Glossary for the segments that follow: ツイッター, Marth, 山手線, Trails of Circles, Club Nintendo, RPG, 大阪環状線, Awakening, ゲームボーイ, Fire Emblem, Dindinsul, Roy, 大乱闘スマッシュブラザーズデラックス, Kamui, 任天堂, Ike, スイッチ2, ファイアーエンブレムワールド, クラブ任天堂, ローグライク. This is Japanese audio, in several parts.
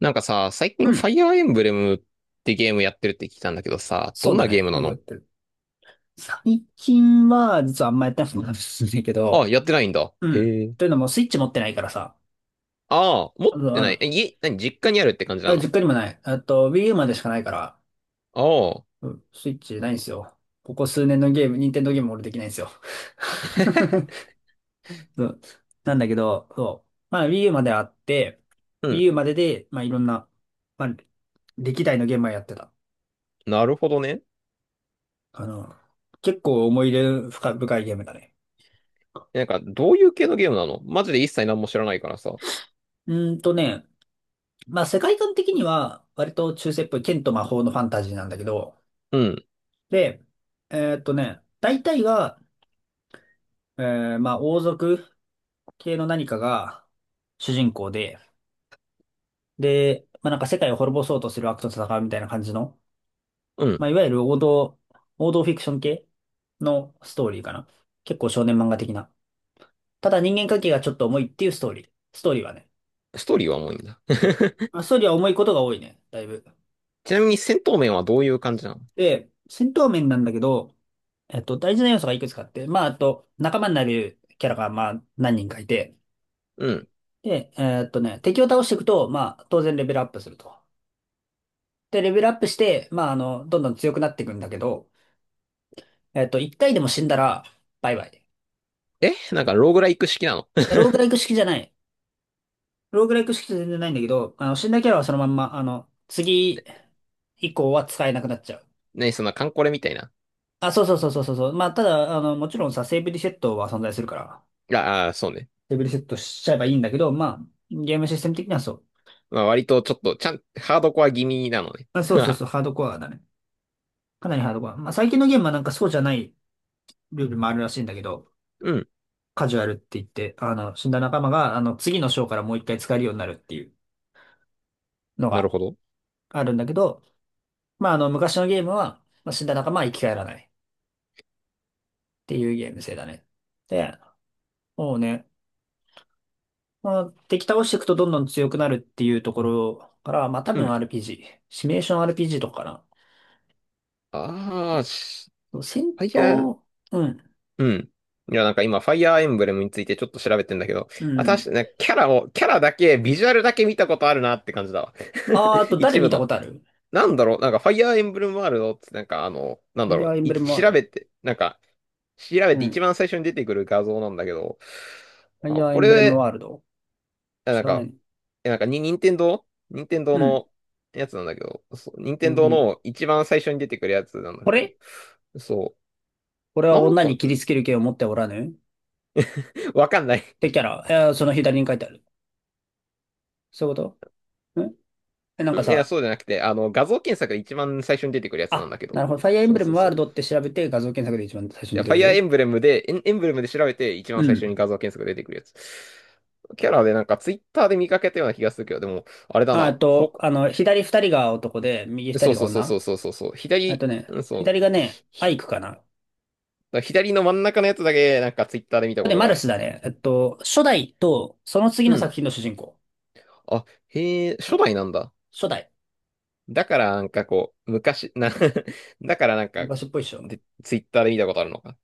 なんかさ、最う近ファん。イアーエンブレムってゲームやってるって聞いたんだけどさ、そどうんだなゲーね。ムなよくやっの？てる。最近は、実はあんまやってないってるんですけど、あ、やってないんだ。うん。へえ。というのも、スイッチ持ってないからさ。ああ、持っあの、てあない。のえ、家、何、実家にあるって感じあな実の？ 家にもない。あと、Wii U までしかないから、ああ、うん、スイッチないんですよ。ここ数年のゲーム、任天堂ゲーム俺できないんですよ。そうなんだけど、そう。まあ、Wii U まであって、う Wii ん。U までで、まあ、いろんな、まあ、歴代のゲームはやってた。なるほどね。あの、結構思い入れ深いゲームだね。なんか、どういう系のゲームなの？マジで一切何も知らないからさ。うーんとね、まあ世界観的には割と中世っぽい剣と魔法のファンタジーなんだけど、うん、で、大体が、まあ王族系の何かが主人公で、で、まあなんか世界を滅ぼそうとする悪と戦うみたいな感じの、うん。まあいわゆる王道フィクション系のストーリーかな。結構少年漫画的な。ただ人間関係がちょっと重いっていうストーリー。ストーリーはね。ストーリーはもういいんだ。そう。まあストーリーは重いことが多いね。だいぶ。ちなみに戦闘面はどういう感じなの？で、戦闘面なんだけど、えっと、大事な要素がいくつかあって、まあ、あと、仲間になるキャラが、まあ、何人かいて、うん。で、えっとね、敵を倒していくと、まあ、当然レベルアップすると。で、レベルアップして、まあ、あの、どんどん強くなっていくんだけど、えっと、一回でも死んだら、バイバイ。でえ、なんか、ローグライク式なの？ ローグライク式じゃない。ローグライク式じゃ全然ないんだけど、あの、死んだキャラはそのまんま、あの、次以降は使えなくなっちゃう。何、そんなカンコレみたいな。あ、そうそうそうそうそうそう。まあ、ただ、あの、もちろんさ、セーブリセットは存在するから。ああ、そうね。レベルセットしちゃえばいいんだけど、まあ、ゲームシステム的にはそう。まあ、割とちょっと、ちゃん、ハードコア気味なのね。まあ、そうそうそ う、ハードコアだね。かなりハードコア。まあ、最近のゲームはなんかそうじゃないルールもあるらしいんだけど、うん。カジュアルって言って、あの、死んだ仲間が、あの、次の章からもう一回使えるようになるっていうのなるがほど。あるんだけど、まあ、あの、昔のゲームは、まあ、死んだ仲間は生き返らないっていうゲーム性だね。で、もうね、まあ、敵倒していくとどんどん強くなるっていうところから、まあ、多う分 ん。RPG、シミュレーション RPG とかかああ、しな。戦ファイヤー、闘、うん。うん。いや、なんか今、ファイヤーエンブレムについてちょっと調べてんだけど、うあ、確かん。にね、キャラだけ、ビジュアルだけ見たことあるなって感じだわ。あー、あ と誰一見部たこの。とあるなんだろう、なんか、ファイヤーエンブレムワールドって、なんか、あの、なんファだイろヤう、ーエンブいレムワー調ルド。べて、なんか、調べうて一ん。番最初に出てくる画像なんだけど、ファイあ、ヤーエこンブレムれ、ワールド。あ、な知んらなか、いね。え、なんか、に、任天堂うん。のやつなんだけど、そう、任天全堂然。の一番最初に出てくるやつなんだこけど、れそこれう。はなん女か、に切りつける剣を持っておらぬっわかんない。てキャラ。その左に書いてある。そういうことんなんかうん、いや、そうさ、じゃなくて、あの、画像検索で一番最初に出てくるやつなんあ、だけなるど。ほど。ファイアーエンそブうレそうムワそールう。ドって調べて画像検索で一番最初いに出や、てファくイアーエるンブレムで、エンブレムで調べて、一う番最初にん。画像検索が出てくるやつ。キャラでなんか、ツイッターで見かけたような気がするけど、でも、あれだああな。と、あの、左二人が男で、右二そ人うがそうそうそ女。うそうそうそう。あと左、ね、うん、そ左がう。ね、アイクかな。左の真ん中のやつだけ、なんか、ツイッターで見たここれねとマがあルる。スだね。えっと、初代と、その次うのん。作品の主人公。あ、へえ、初代なんだ。初代。だから、なんかこう、昔、な。 だからなんか、昔っぽいっしょ。で、ツイッターで見たことあるのか。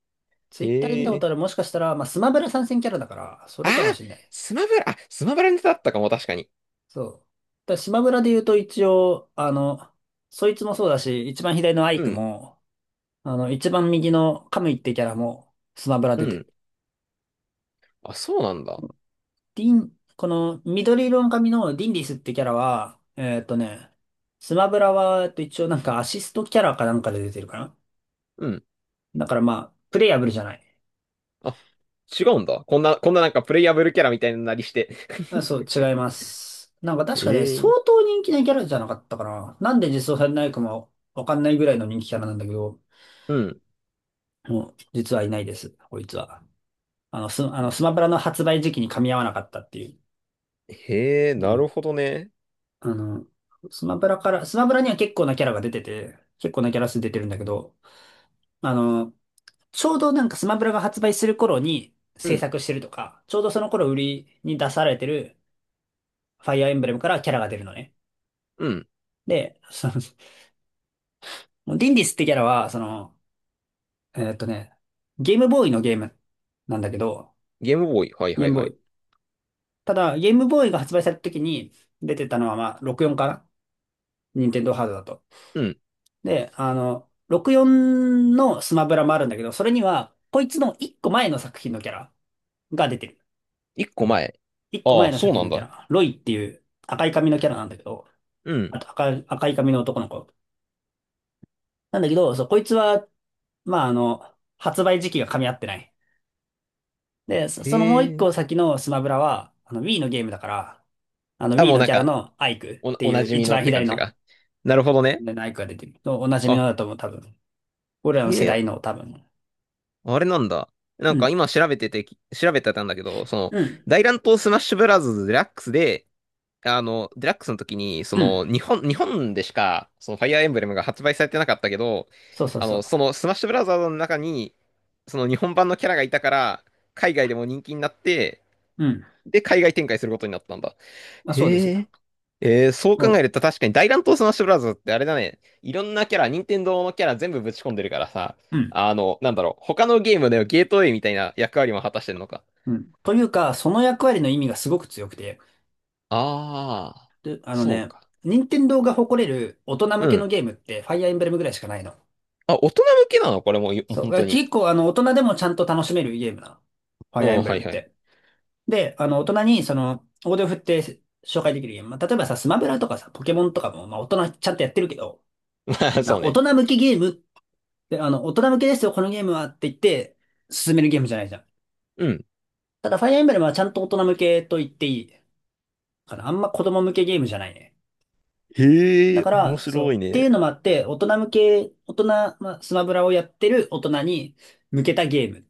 ツイッターで見たへことえ。ある、もしかしたら、まあ、スマブラ参戦キャラだから、そあれあ、かもしれない。スマブラネタだったかも、確かに。そう。だからスマブラで言うと一応、あの、そいつもそうだし、一番左のアイうクん、も、あの、一番右のカムイってキャラもスマブラう出てる。ん。あ、そうなんだ。ディン、この緑色の髪のディンディスってキャラは、スマブラは、えっと、一応なんかアシストキャラかなんかで出てるかな。うん。だからまあ、プレイヤブルじゃない。あ、違うんだ。こんななんかプレイヤブルキャラみたいなのなりして。あ、そう、違います。なんか確かね、相ええ、当人気なキャラじゃなかったかな。なんで実装されないかもわかんないぐらいの人気キャラなんだけど、うん。もう実はいないです、こいつは。あの、スマブラの発売時期に噛み合わなかったっていう。へえ、うなるんほどね。あの、スマブラから、スマブラには結構なキャラが出てて、結構なキャラ数出てるんだけど、あの、ちょうどなんかスマブラが発売する頃にう制ん、作してるとか、ちょうどその頃売りに出されてるファイアーエンブレムからキャラが出るのね。うん。で、そのもうディンディスってキャラは、その、えーっとね、ゲームボーイのゲームなんだけど、ゲームボーイ。はいゲーはいムはボーい。イ。ただ、ゲームボーイが発売された時に出てたのは、まあ、64かな任天堂ハードだと。うん。で、あの、64のスマブラもあるんだけど、それには、こいつの一個前の作品のキャラが出てる。一個前。一個あ前あ、のそ作う品なんのキャだ。ラ。ロイっていう赤い髪のキャラなんだけど、うん。あと赤い髪の男の子。なんだけど、そう、こいつは、まあ、あの、発売時期が噛み合ってない。で、へのもう一え。個先のスマブラは、あの Wii のゲームだから、あの あ、Wii もうのなんキャラか、のアイクっておないうじみ一のっ番て感左じの、が。なるほどね。アイクが出てる。おおなじみあ、のだと思う、多分。俺らの世へえ、代の多分。あれなんだ。なんうかん。今調べてて、調べてたんだけど、その、うん。大乱闘スマッシュブラザーズデラックスで、あの、デラックスの時に、そうん。の、日本でしか、その、ファイアーエンブレムが発売されてなかったけど、そうそうあその、う。その、スマッシュブラザーズの中に、その、日本版のキャラがいたから、海外でも人気になって、うん。で、海外展開することになったんだ。まあそうですよ。へー、えー、そうう考えん。ると確かに大乱闘スマッシュブラザーズってあれだね。いろんなキャラ、任天堂のキャラ全部ぶち込んでるからさ。うん。あの、なんだろう。他のゲームではゲートウェイみたいな役割も果たしてんのか。うん。というか、その役割の意味がすごく強くて、ああ、で、あのそうね、か。任天堂が誇れる大人向うけのん。ゲームって、ファイアーエンブレムぐらいしかないの。あ、大人向けなのこれ？もう、そう。本当に？結構、あの、大人でもちゃんと楽しめるゲームなの。ファうイアーエん、ンブレはムいっはい。て。で、あの、大人に、その、大手を振って紹介できるゲーム。まあ、例えばさ、スマブラとかさ、ポケモンとかも、まあ、大人ちゃんとやってるけど、まあ、まあ、そう大ね。人向きゲームであの、大人向けですよ、このゲームはって言って、進めるゲームじゃないじゃん。うん。ただ、ファイアーエンブレムはちゃんと大人向けと言っていいかな。あんま子供向けゲームじゃないね。へだえ、か面ら、そ白う。いっていうね。のもあって、大人向け、大人、まあ、スマブラをやってる大人に向けたゲーム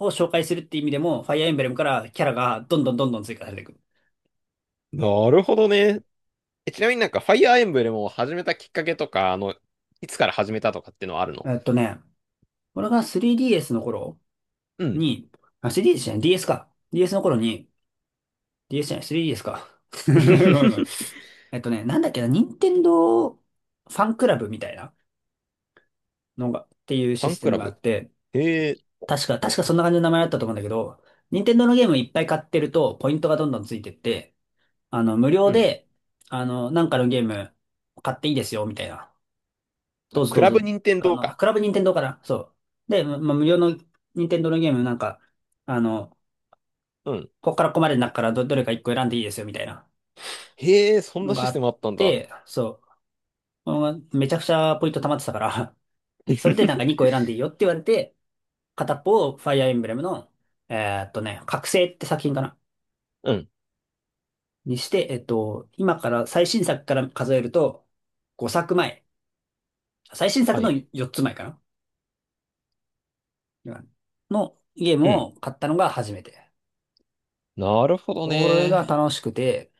を紹介するっていう意味でも、ファイアーエンブレムからキャラがどんどんどんどん追加されていく。なるほどね。え、ちなみになんか、ファイアーエンブレムを始めたきっかけとか、あの、いつから始めたとかっていうのはあるの？えっとね、俺が 3DS の頃、うん。に、あ、3DS じゃな DS か。DS の頃に、DS じゃない、3DS か。ご めんごめん。フえっとね、なんだっけな、任天堂ファンクラブみたいなのが、っていうァシンステクムラがあっブ。て、へえ、確かそんな感じの名前だったと思うんだけど、任天堂のゲームいっぱい買ってると、ポイントがどんどんついてって、あの、無う料ん。で、あの、なんかのゲーム買っていいですよ、みたいな。どあ、うぞクどうラぞ。ブ任天あ堂の、か。クラブ任天堂かなそう。で、ま、無料の任天堂のゲームなんか、あの、うん。ここからここまでの中からどれか一個選んでいいですよみたいなへえ、そんのながシあステっムあったんだ。て、そう、うんめちゃくちゃポイント溜まってたから それでなんか2 個選んでいいよって言われて、片っぽをファイアーエンブレムの、え覚醒って作品かなうん。にして、今から最新作から数えると5作前、最新作はのい。4つ前かな今のゲームうん。を買ったのが初めて。なるほどそれがね。楽しくて、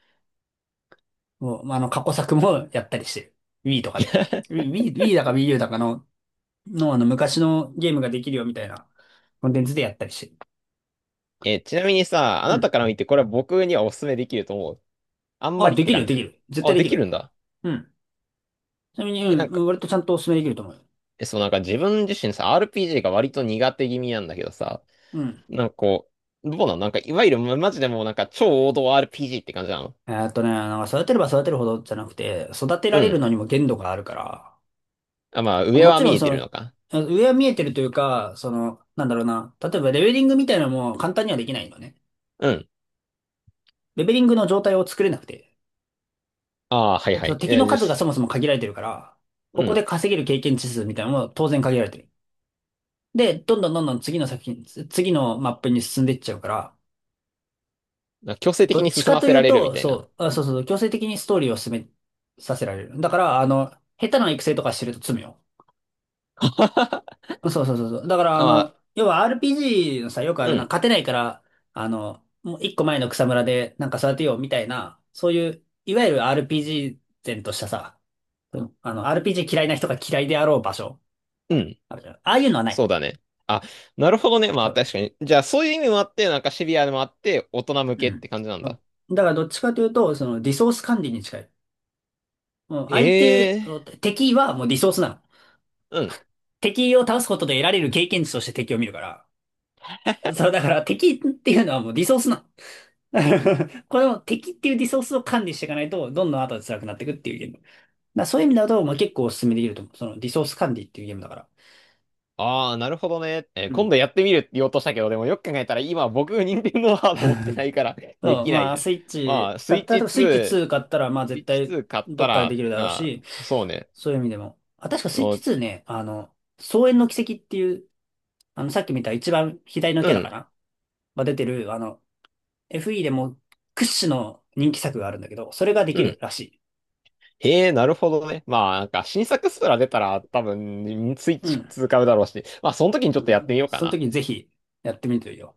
もう、まあ過去作もやったりしてる。Wii とかで。Wii だか Wii U だかのの、昔のゲームができるよみたいなコンテンツでやったりして。え、ちなみにさ、あうなん。たから見てこれは僕にはおすすめできると思う？あんまあ、りっでてきるよ、感できじ？る。絶対あ、ででききる。るんだ。うん。ちなみに、え、なんうか、ん、割とちゃんとお勧めできると思うよ。え、そう、なんか自分自身さ、RPG が割と苦手気味なんだけどさ、うん。なんかこう、どうなの？なんか、いわゆる、まマジでもうなんか超王道 RPG って感じなの？なんか育てれば育てるほどじゃなくて、育てらうれるん。のにも限度があるから、あ、まあ、まあ上もはちろ見んえそてるの、のか。あ上は見えてるというか、その、なんだろうな、例えばレベリングみたいなのも簡単にはできないのね。うん。レベリングの状態を作れなくて。ああ、はいだってはそい。の敵のえ、よ数がし。そもそも限られてるから、こうこん。で稼げる経験値数みたいなのも当然限られてる。で、どんどんどんどん次の作品、次のマップに進んでいっちゃうから、なんか強制ど的っにち進かまとせいらうれるみと、たいな。そう、あ、そうそう、強制的にストーリーを進めさせられる。だから、下手な育成とかしてると罪よ。あ、そうそうそうそう。だから、まあ、要は RPG のさ、よくあうるな、ん、勝てないから、もう一個前の草むらでなんか育てようみたいな、そういう、いわゆる RPG 前としたさ、うんRPG 嫌いな人が嫌いであろう場所、うん、あるじゃん。ああいうのはなそうい。だね。あ、なるほどね。まうあん。確かに。じゃあそういう意味もあって、なんかシビアでもあって、大人向けうっんて感じなんだ。だから、どっちかというと、その、リソース管理に近い。もうえ相手、え敵はもうリソースなの。ー、うん。敵を倒すことで得られる経験値として敵を見るから。そう、だから敵っていうのはもうリソースなの。これも敵っていうリソースを管理していかないと、どんどん後で辛くなっていくっていうゲーム。だからそういう意味だと、まあ、結構おすすめできると思う。そのリソース管理っていうゲームだから。ああ、なるほどね。う今ん。度やってみるって言おうとしたけど、でもよく考えたら今僕、任天堂ハード持ってな いから、 でそう、きないまあ、じゃん。スイッまチ、あ、スたイっッた、チ例え2、ばスイッチス2買ったら、まあイ絶ッチ対2買ったどっかででら、きるだろうあし、ー、そうね。そういう意味でも。あ、確かスイッもチう、2ね、双円の軌跡っていう、さっき見た一番左のうキャラかん、なが出てる、FE でも屈指の人気作があるんだけど、それがでうきるん。らしい。へえ、なるほどね。まあ、なんか新作スプラ出たら多分、スイッうチん。2買うだろうし、まあ、その時にちょうっとやってみんようかそのな。時ぜひやってみてよ。